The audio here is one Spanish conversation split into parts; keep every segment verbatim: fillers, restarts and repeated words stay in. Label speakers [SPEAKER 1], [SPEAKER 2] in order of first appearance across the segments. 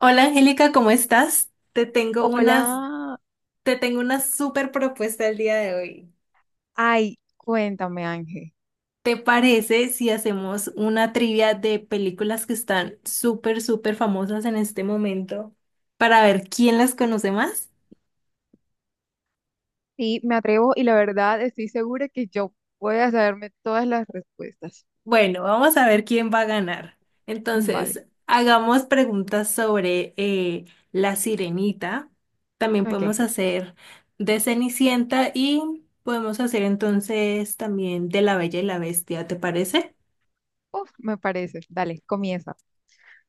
[SPEAKER 1] Hola Angélica, ¿cómo estás? Te tengo unas,
[SPEAKER 2] Hola,
[SPEAKER 1] te tengo una súper propuesta el día de hoy.
[SPEAKER 2] ay, cuéntame Ángel.
[SPEAKER 1] ¿Te parece si hacemos una trivia de películas que están súper, súper famosas en este momento para ver quién las conoce más?
[SPEAKER 2] Sí, me atrevo y la verdad estoy segura que yo voy a saberme todas las respuestas.
[SPEAKER 1] Bueno, vamos a ver quién va a ganar.
[SPEAKER 2] Mm, vale,
[SPEAKER 1] Entonces, hagamos preguntas sobre eh, La Sirenita. También
[SPEAKER 2] ok,
[SPEAKER 1] podemos hacer de Cenicienta y podemos hacer entonces también de La Bella y la Bestia, ¿te parece?
[SPEAKER 2] uf, me parece, dale, comienza.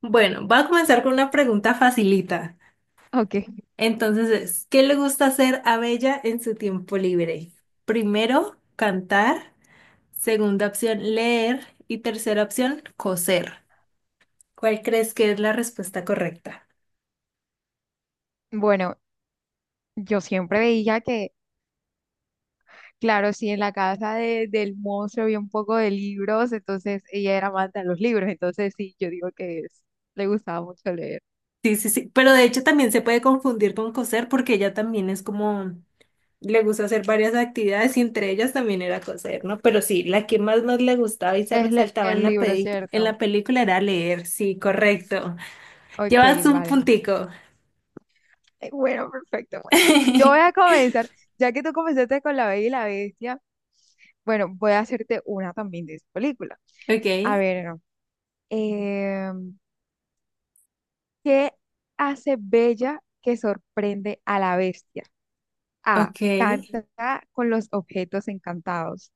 [SPEAKER 1] Bueno, voy a comenzar con una pregunta facilita.
[SPEAKER 2] Ok,
[SPEAKER 1] Entonces es, ¿qué le gusta hacer a Bella en su tiempo libre? Primero, cantar. Segunda opción, leer. Y tercera opción, coser. ¿Cuál crees que es la respuesta correcta?
[SPEAKER 2] bueno, yo siempre veía que, claro, si en la casa de- del monstruo había un poco de libros, entonces ella era amante de los libros, entonces sí, yo digo que es, le gustaba mucho leer.
[SPEAKER 1] Sí, sí, sí. Pero de hecho también se puede confundir con coser porque ella también es como, le gusta hacer varias actividades y entre ellas también era coser, ¿no? Pero sí, la que más nos le gustaba y se
[SPEAKER 2] Es
[SPEAKER 1] resaltaba
[SPEAKER 2] leer
[SPEAKER 1] en la
[SPEAKER 2] libros,
[SPEAKER 1] peli- en
[SPEAKER 2] ¿cierto?
[SPEAKER 1] la película era leer. Sí, correcto.
[SPEAKER 2] Ok,
[SPEAKER 1] Llevas un
[SPEAKER 2] vale.
[SPEAKER 1] puntico.
[SPEAKER 2] Eh, Bueno, perfecto. Bueno. Yo voy a comenzar, ya que tú comenzaste con La Bella y la Bestia, bueno, voy a hacerte una también de esa película.
[SPEAKER 1] Ok,
[SPEAKER 2] A ver, no. Eh, ¿Qué hace Bella que sorprende a la bestia? A.
[SPEAKER 1] ok.
[SPEAKER 2] Canta con los objetos encantados.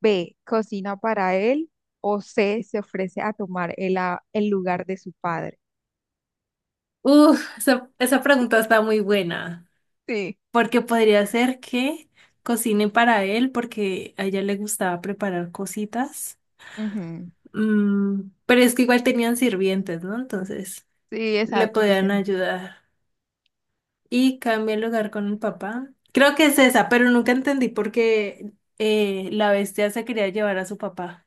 [SPEAKER 2] B. Cocina para él. O C. Se ofrece a tomar el, a- el lugar de su padre.
[SPEAKER 1] Uf, esa, esa pregunta está muy buena,
[SPEAKER 2] Sí,
[SPEAKER 1] porque podría ser que cocine para él, porque a ella le gustaba preparar cositas.
[SPEAKER 2] ujú,
[SPEAKER 1] Mm, pero es que igual tenían sirvientes, ¿no? Entonces,
[SPEAKER 2] sí,
[SPEAKER 1] le
[SPEAKER 2] exacto.
[SPEAKER 1] podían
[SPEAKER 2] Entonces, no.
[SPEAKER 1] ayudar. Y cambié el lugar con el papá. Creo que es esa, pero nunca entendí por qué eh, la bestia se quería llevar a su papá.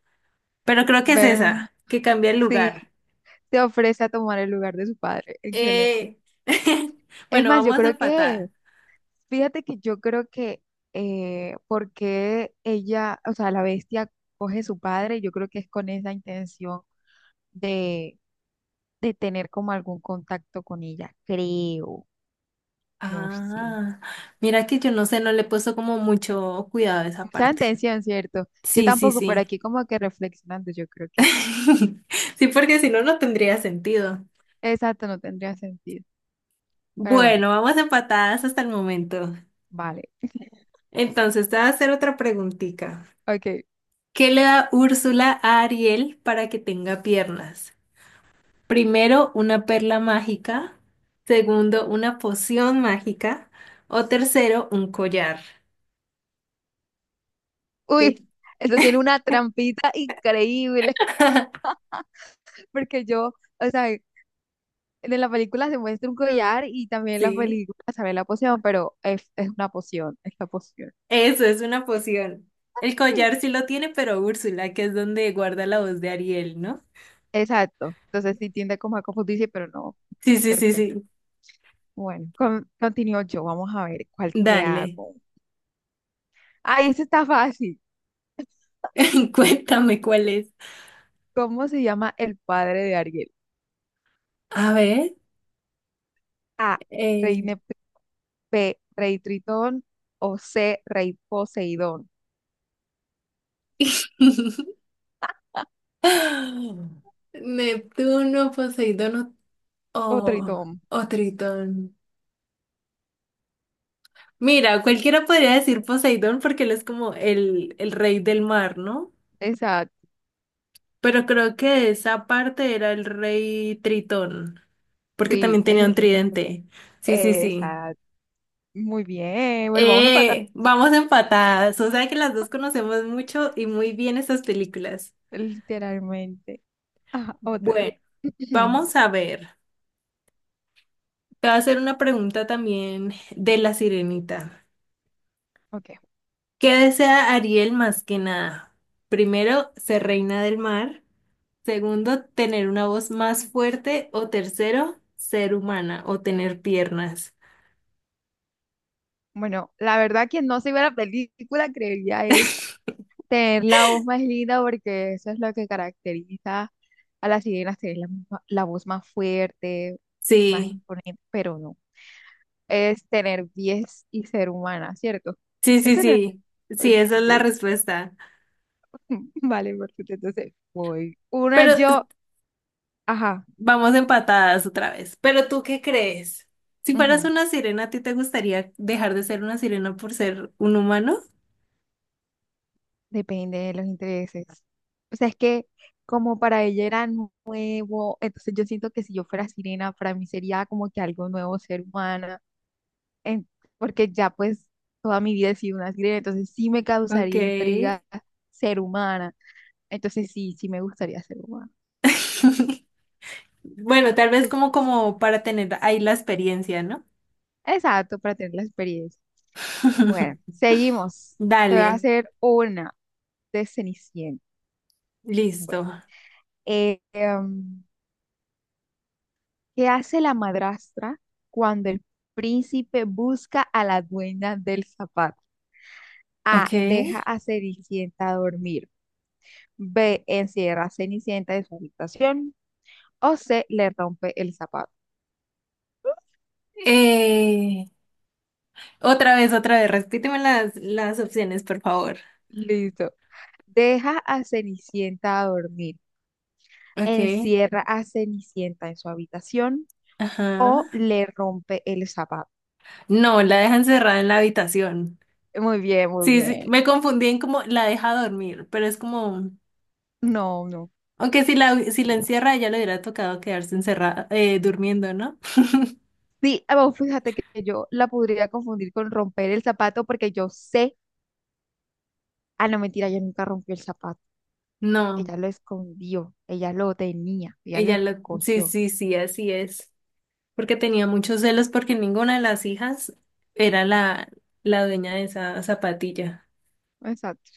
[SPEAKER 1] Pero creo que es
[SPEAKER 2] Bueno,
[SPEAKER 1] esa, que cambia el
[SPEAKER 2] sí,
[SPEAKER 1] lugar.
[SPEAKER 2] se ofrece a tomar el lugar de su padre. Excelente.
[SPEAKER 1] Eh,
[SPEAKER 2] Es
[SPEAKER 1] bueno,
[SPEAKER 2] más, yo
[SPEAKER 1] vamos
[SPEAKER 2] creo que,
[SPEAKER 1] empatadas.
[SPEAKER 2] fíjate que yo creo que eh, porque ella, o sea, la bestia coge su padre, yo creo que es con esa intención de, de tener como algún contacto con ella, creo, no sé.
[SPEAKER 1] Ah, mira que yo no sé, no le he puesto como mucho cuidado a esa
[SPEAKER 2] Mucha
[SPEAKER 1] parte.
[SPEAKER 2] intención, ¿cierto? Yo
[SPEAKER 1] Sí, sí,
[SPEAKER 2] tampoco, por
[SPEAKER 1] sí.
[SPEAKER 2] aquí como que reflexionando, yo creo que sí.
[SPEAKER 1] Sí, porque si no, no tendría sentido.
[SPEAKER 2] Exacto, no tendría sentido. Pero bueno,
[SPEAKER 1] Bueno, vamos empatadas hasta el momento.
[SPEAKER 2] vale.
[SPEAKER 1] Entonces, te voy a hacer otra preguntita.
[SPEAKER 2] Ok.
[SPEAKER 1] ¿Qué le da Úrsula a Ariel para que tenga piernas? Primero, una perla mágica. Segundo, una poción mágica. O tercero, un collar. ¿Qué?
[SPEAKER 2] Uy, eso tiene una trampita increíble, porque yo... O sea, de la película se muestra un collar y también la
[SPEAKER 1] Sí,
[SPEAKER 2] película sabe la poción, pero es, es una poción, es la poción.
[SPEAKER 1] eso es una poción. El collar sí lo tiene, pero Úrsula, que es donde guarda la voz de Ariel, ¿no?
[SPEAKER 2] Exacto. Entonces sí tiende como a confundirse, pero no.
[SPEAKER 1] Sí, sí, sí,
[SPEAKER 2] Perfecto.
[SPEAKER 1] sí.
[SPEAKER 2] Bueno, con- continúo yo. Vamos a ver cuál te
[SPEAKER 1] Dale,
[SPEAKER 2] hago. Ah, ese está fácil.
[SPEAKER 1] cuéntame cuál es.
[SPEAKER 2] ¿Cómo se llama el padre de Ariel?
[SPEAKER 1] A ver,
[SPEAKER 2] A. Rey
[SPEAKER 1] eh,
[SPEAKER 2] Nep- B. Rey Tritón. O C. Rey Poseidón.
[SPEAKER 1] Neptuno, Poseidón o,
[SPEAKER 2] O Tritón.
[SPEAKER 1] o o Tritón. Mira, cualquiera podría decir Poseidón porque él es como el, el rey del mar, ¿no?
[SPEAKER 2] Exacto.
[SPEAKER 1] Pero creo que esa parte era el rey Tritón, porque
[SPEAKER 2] Sí,
[SPEAKER 1] también
[SPEAKER 2] es
[SPEAKER 1] tenía un
[SPEAKER 2] el-
[SPEAKER 1] tridente. Sí, sí, sí.
[SPEAKER 2] Exacto. Muy bien. Bueno, vamos a empatar.
[SPEAKER 1] Eh, vamos empatadas. O sea que las dos conocemos mucho y muy bien estas películas.
[SPEAKER 2] Literalmente. Ajá, otra.
[SPEAKER 1] Bueno, vamos a ver. Te voy a hacer una pregunta también de La Sirenita.
[SPEAKER 2] Ok.
[SPEAKER 1] ¿Qué desea Ariel más que nada? Primero, ser reina del mar. Segundo, tener una voz más fuerte. O tercero, ser humana o tener piernas.
[SPEAKER 2] Bueno, la verdad quien no se vio la película creería es tener la voz más linda porque eso es lo que caracteriza a las sirenas, tener la, misma- la voz más fuerte, más
[SPEAKER 1] Sí,
[SPEAKER 2] imponente, pero no. Es tener pies y ser humana, ¿cierto?
[SPEAKER 1] sí, sí,
[SPEAKER 2] Eso era.
[SPEAKER 1] sí. Sí,
[SPEAKER 2] Ok.
[SPEAKER 1] esa es la respuesta.
[SPEAKER 2] Vale, perfecto. Entonces, voy. Una
[SPEAKER 1] Pero
[SPEAKER 2] yo. Ajá.
[SPEAKER 1] vamos empatadas otra vez. Pero ¿tú qué crees? Si fueras una sirena, ¿a ti te gustaría dejar de ser una sirena por ser un humano?
[SPEAKER 2] Depende de los intereses. O sea, es que como para ella era nuevo, entonces yo siento que si yo fuera sirena, para mí sería como que algo nuevo ser humana, en- porque ya pues toda mi vida he sido una sirena, entonces sí me
[SPEAKER 1] Ok.
[SPEAKER 2] causaría intriga ser humana. Entonces sí, sí me gustaría ser humana, la verdad.
[SPEAKER 1] Bueno, tal vez como, como para tener ahí la experiencia, ¿no?
[SPEAKER 2] Exacto, para tener la experiencia. Bueno, seguimos. Te voy
[SPEAKER 1] Dale,
[SPEAKER 2] a hacer una de Cenicienta. Bueno,
[SPEAKER 1] listo.
[SPEAKER 2] eh, ¿qué hace la madrastra cuando el príncipe busca a la dueña del zapato?
[SPEAKER 1] Ok.
[SPEAKER 2] A. Deja a Cenicienta dormir. B. Encierra a Cenicienta en su habitación. O C. Le rompe el zapato.
[SPEAKER 1] Eh, otra vez, otra vez, repíteme las, las opciones, por favor.
[SPEAKER 2] Listo. Deja a Cenicienta a dormir.
[SPEAKER 1] Ok.
[SPEAKER 2] Encierra a Cenicienta en su habitación.
[SPEAKER 1] Ajá.
[SPEAKER 2] O le rompe el zapato.
[SPEAKER 1] No, la deja encerrada en la habitación.
[SPEAKER 2] Muy bien, muy
[SPEAKER 1] Sí, sí,
[SPEAKER 2] bien.
[SPEAKER 1] me confundí en como la deja dormir, pero es como...
[SPEAKER 2] No, no.
[SPEAKER 1] Aunque si la, si la encierra, ella le hubiera tocado quedarse encerrada, eh, durmiendo, ¿no?
[SPEAKER 2] Sí, ah, bueno, fíjate que que yo la podría confundir con romper el zapato porque yo sé. Ah, no, mentira, ella nunca rompió el zapato.
[SPEAKER 1] No,
[SPEAKER 2] Ella lo escondió, ella lo tenía, ella
[SPEAKER 1] ella
[SPEAKER 2] lo
[SPEAKER 1] lo... Sí,
[SPEAKER 2] cogió.
[SPEAKER 1] sí, sí, así es. Porque tenía muchos celos porque ninguna de las hijas era la, la dueña de esa zapatilla.
[SPEAKER 2] Exacto.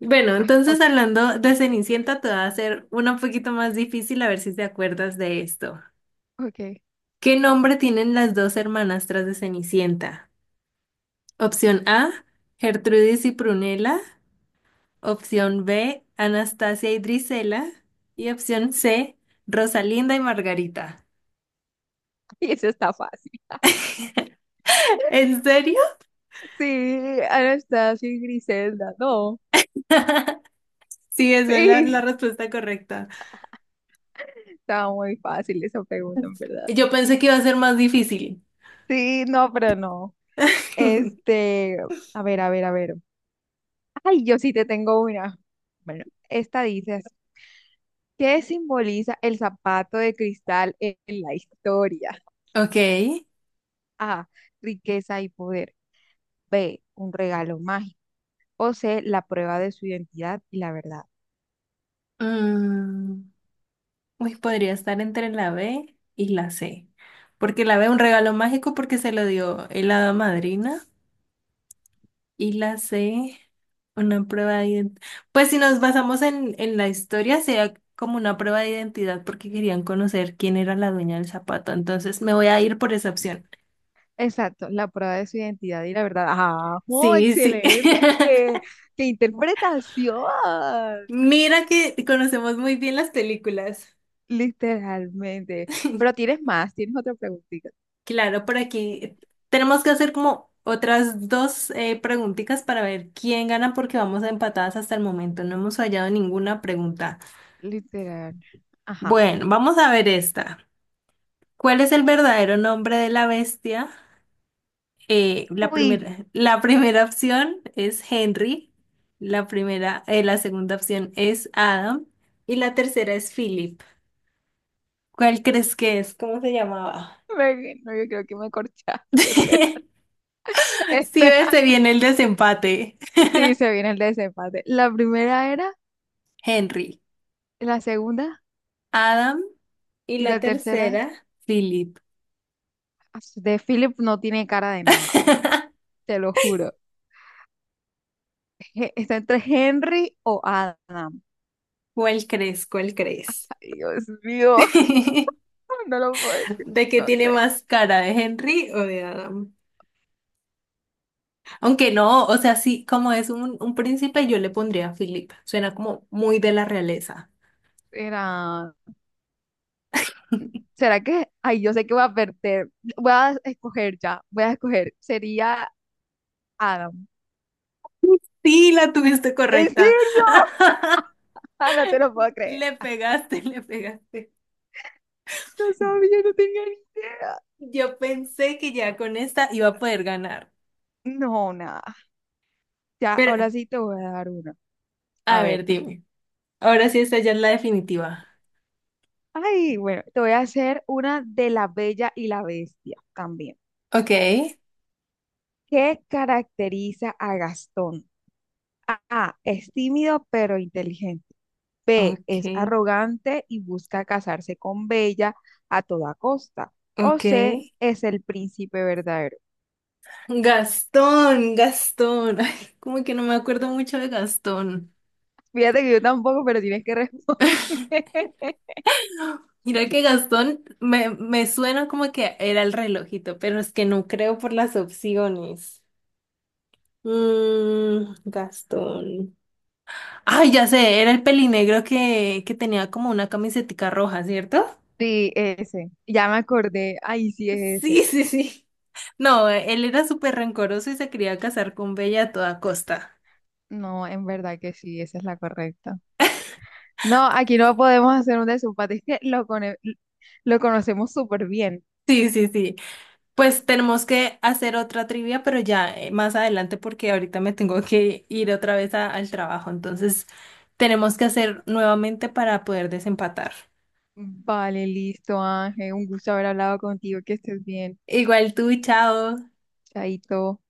[SPEAKER 1] Bueno,
[SPEAKER 2] Ah,
[SPEAKER 1] entonces
[SPEAKER 2] otra.
[SPEAKER 1] hablando de Cenicienta, te va a hacer una un poquito más difícil a ver si te acuerdas de esto.
[SPEAKER 2] Ok.
[SPEAKER 1] ¿Qué nombre tienen las dos hermanastras de Cenicienta? Opción A, Gertrudis y Prunella. Opción B, Anastasia y Drisela. Y opción C, Rosalinda y Margarita.
[SPEAKER 2] Y eso está fácil.
[SPEAKER 1] ¿En serio?
[SPEAKER 2] Sí, Anastasia y Griselda, no.
[SPEAKER 1] Sí, esa es la,
[SPEAKER 2] Sí,
[SPEAKER 1] la respuesta correcta.
[SPEAKER 2] estaba muy fácil esa pregunta, en verdad.
[SPEAKER 1] Yo pensé que iba a ser más difícil.
[SPEAKER 2] Sí, no, pero no. Este, a ver, a ver, a ver. Ay, yo sí te tengo una. Bueno, esta dice así, ¿qué simboliza el zapato de cristal en la historia?
[SPEAKER 1] Ok.
[SPEAKER 2] A, riqueza y poder. B, un regalo mágico. O C, la prueba de su identidad y la verdad.
[SPEAKER 1] Mm, uy, podría estar entre la B y la C. Porque la B un regalo mágico porque se lo dio el hada madrina. Y la C, una prueba de identidad. Pues si nos basamos en, en la historia, sea como una prueba de identidad porque querían conocer quién era la dueña del zapato. Entonces me voy a ir por esa opción.
[SPEAKER 2] Exacto, la prueba de su identidad y la verdad. ¡Ajo!
[SPEAKER 1] Sí, sí.
[SPEAKER 2] ¡Excelente! Eh, ¡Qué interpretación!
[SPEAKER 1] Mira que conocemos muy bien las películas.
[SPEAKER 2] Literalmente. Pero tienes más, tienes otra preguntita.
[SPEAKER 1] Claro, por aquí tenemos que hacer como otras dos eh, preguntitas para ver quién gana porque vamos a empatadas hasta el momento. No hemos fallado ninguna pregunta.
[SPEAKER 2] Literal. Ajá.
[SPEAKER 1] Bueno, vamos a ver esta. ¿Cuál es el verdadero nombre de la bestia? Eh, la
[SPEAKER 2] Uy,
[SPEAKER 1] primera, la primera opción es Henry, la primera, eh, la segunda opción es Adam y la tercera es Philip. ¿Cuál crees que es? ¿Cómo se llamaba?
[SPEAKER 2] me- no, yo creo que me corchaste. Espera,
[SPEAKER 1] Si ves,
[SPEAKER 2] espera.
[SPEAKER 1] se viene el desempate.
[SPEAKER 2] Sí, se viene el desempate. La primera era,
[SPEAKER 1] Henry,
[SPEAKER 2] la segunda
[SPEAKER 1] Adam y
[SPEAKER 2] y
[SPEAKER 1] la
[SPEAKER 2] la tercera.
[SPEAKER 1] tercera, Philip.
[SPEAKER 2] De Philip no tiene cara de nada, te lo juro. He- Está entre Henry o Adam.
[SPEAKER 1] ¿Cuál crees? ¿Cuál crees?
[SPEAKER 2] Ay, Dios mío,
[SPEAKER 1] ¿De
[SPEAKER 2] no lo puedo decir,
[SPEAKER 1] qué
[SPEAKER 2] no
[SPEAKER 1] tiene
[SPEAKER 2] sé.
[SPEAKER 1] más cara, de Henry o de Adam? Aunque no, o sea, sí, como es un, un príncipe, yo le pondría a Philip. Suena como muy de la realeza.
[SPEAKER 2] Era, ¿será que? Ay, yo sé que voy a perder. Voy a escoger ya, voy a escoger. Sería Adam.
[SPEAKER 1] Sí, la tuviste
[SPEAKER 2] ¿En
[SPEAKER 1] correcta.
[SPEAKER 2] serio? Ah, no te lo puedo creer.
[SPEAKER 1] Le pegaste, le pegaste.
[SPEAKER 2] No sabía, no tenía ni idea.
[SPEAKER 1] Yo pensé que ya con esta iba a poder ganar.
[SPEAKER 2] No, nada. Ya,
[SPEAKER 1] Pero,
[SPEAKER 2] ahora sí te voy a dar una.
[SPEAKER 1] a
[SPEAKER 2] A
[SPEAKER 1] ver,
[SPEAKER 2] ver.
[SPEAKER 1] dime. Ahora sí, esta ya es la definitiva.
[SPEAKER 2] Ay, bueno, te voy a hacer una de La Bella y la Bestia también.
[SPEAKER 1] Ok,
[SPEAKER 2] ¿Qué caracteriza a Gastón? A, es tímido pero inteligente. B, es
[SPEAKER 1] ok,
[SPEAKER 2] arrogante y busca casarse con Bella a toda costa. O
[SPEAKER 1] ok.
[SPEAKER 2] C, es el príncipe verdadero.
[SPEAKER 1] Gastón, Gastón. Ay, como que no me acuerdo mucho de Gastón.
[SPEAKER 2] Fíjate que yo tampoco, pero tienes que responder.
[SPEAKER 1] Mira que Gastón me, me suena como que era el relojito, pero es que no creo por las opciones. Mm, Gastón. Ay, ya sé, era el pelinegro que, que tenía como una camisetica roja, ¿cierto?
[SPEAKER 2] Sí, ese. Ya me acordé. Ay, sí es ese.
[SPEAKER 1] Sí, sí, sí. No, él era súper rencoroso y se quería casar con Bella a toda costa.
[SPEAKER 2] No, en verdad que sí, esa es la correcta. No, aquí no podemos hacer un desempate. Es que lo, cone- lo conocemos súper bien.
[SPEAKER 1] Sí, sí, sí. Pues tenemos que hacer otra trivia, pero ya eh, más adelante porque ahorita me tengo que ir otra vez a- al trabajo. Entonces tenemos que hacer nuevamente para poder desempatar.
[SPEAKER 2] Vale, listo, Ángel. Un gusto haber hablado contigo. Que estés bien.
[SPEAKER 1] Igual tú, chao.
[SPEAKER 2] Chaito.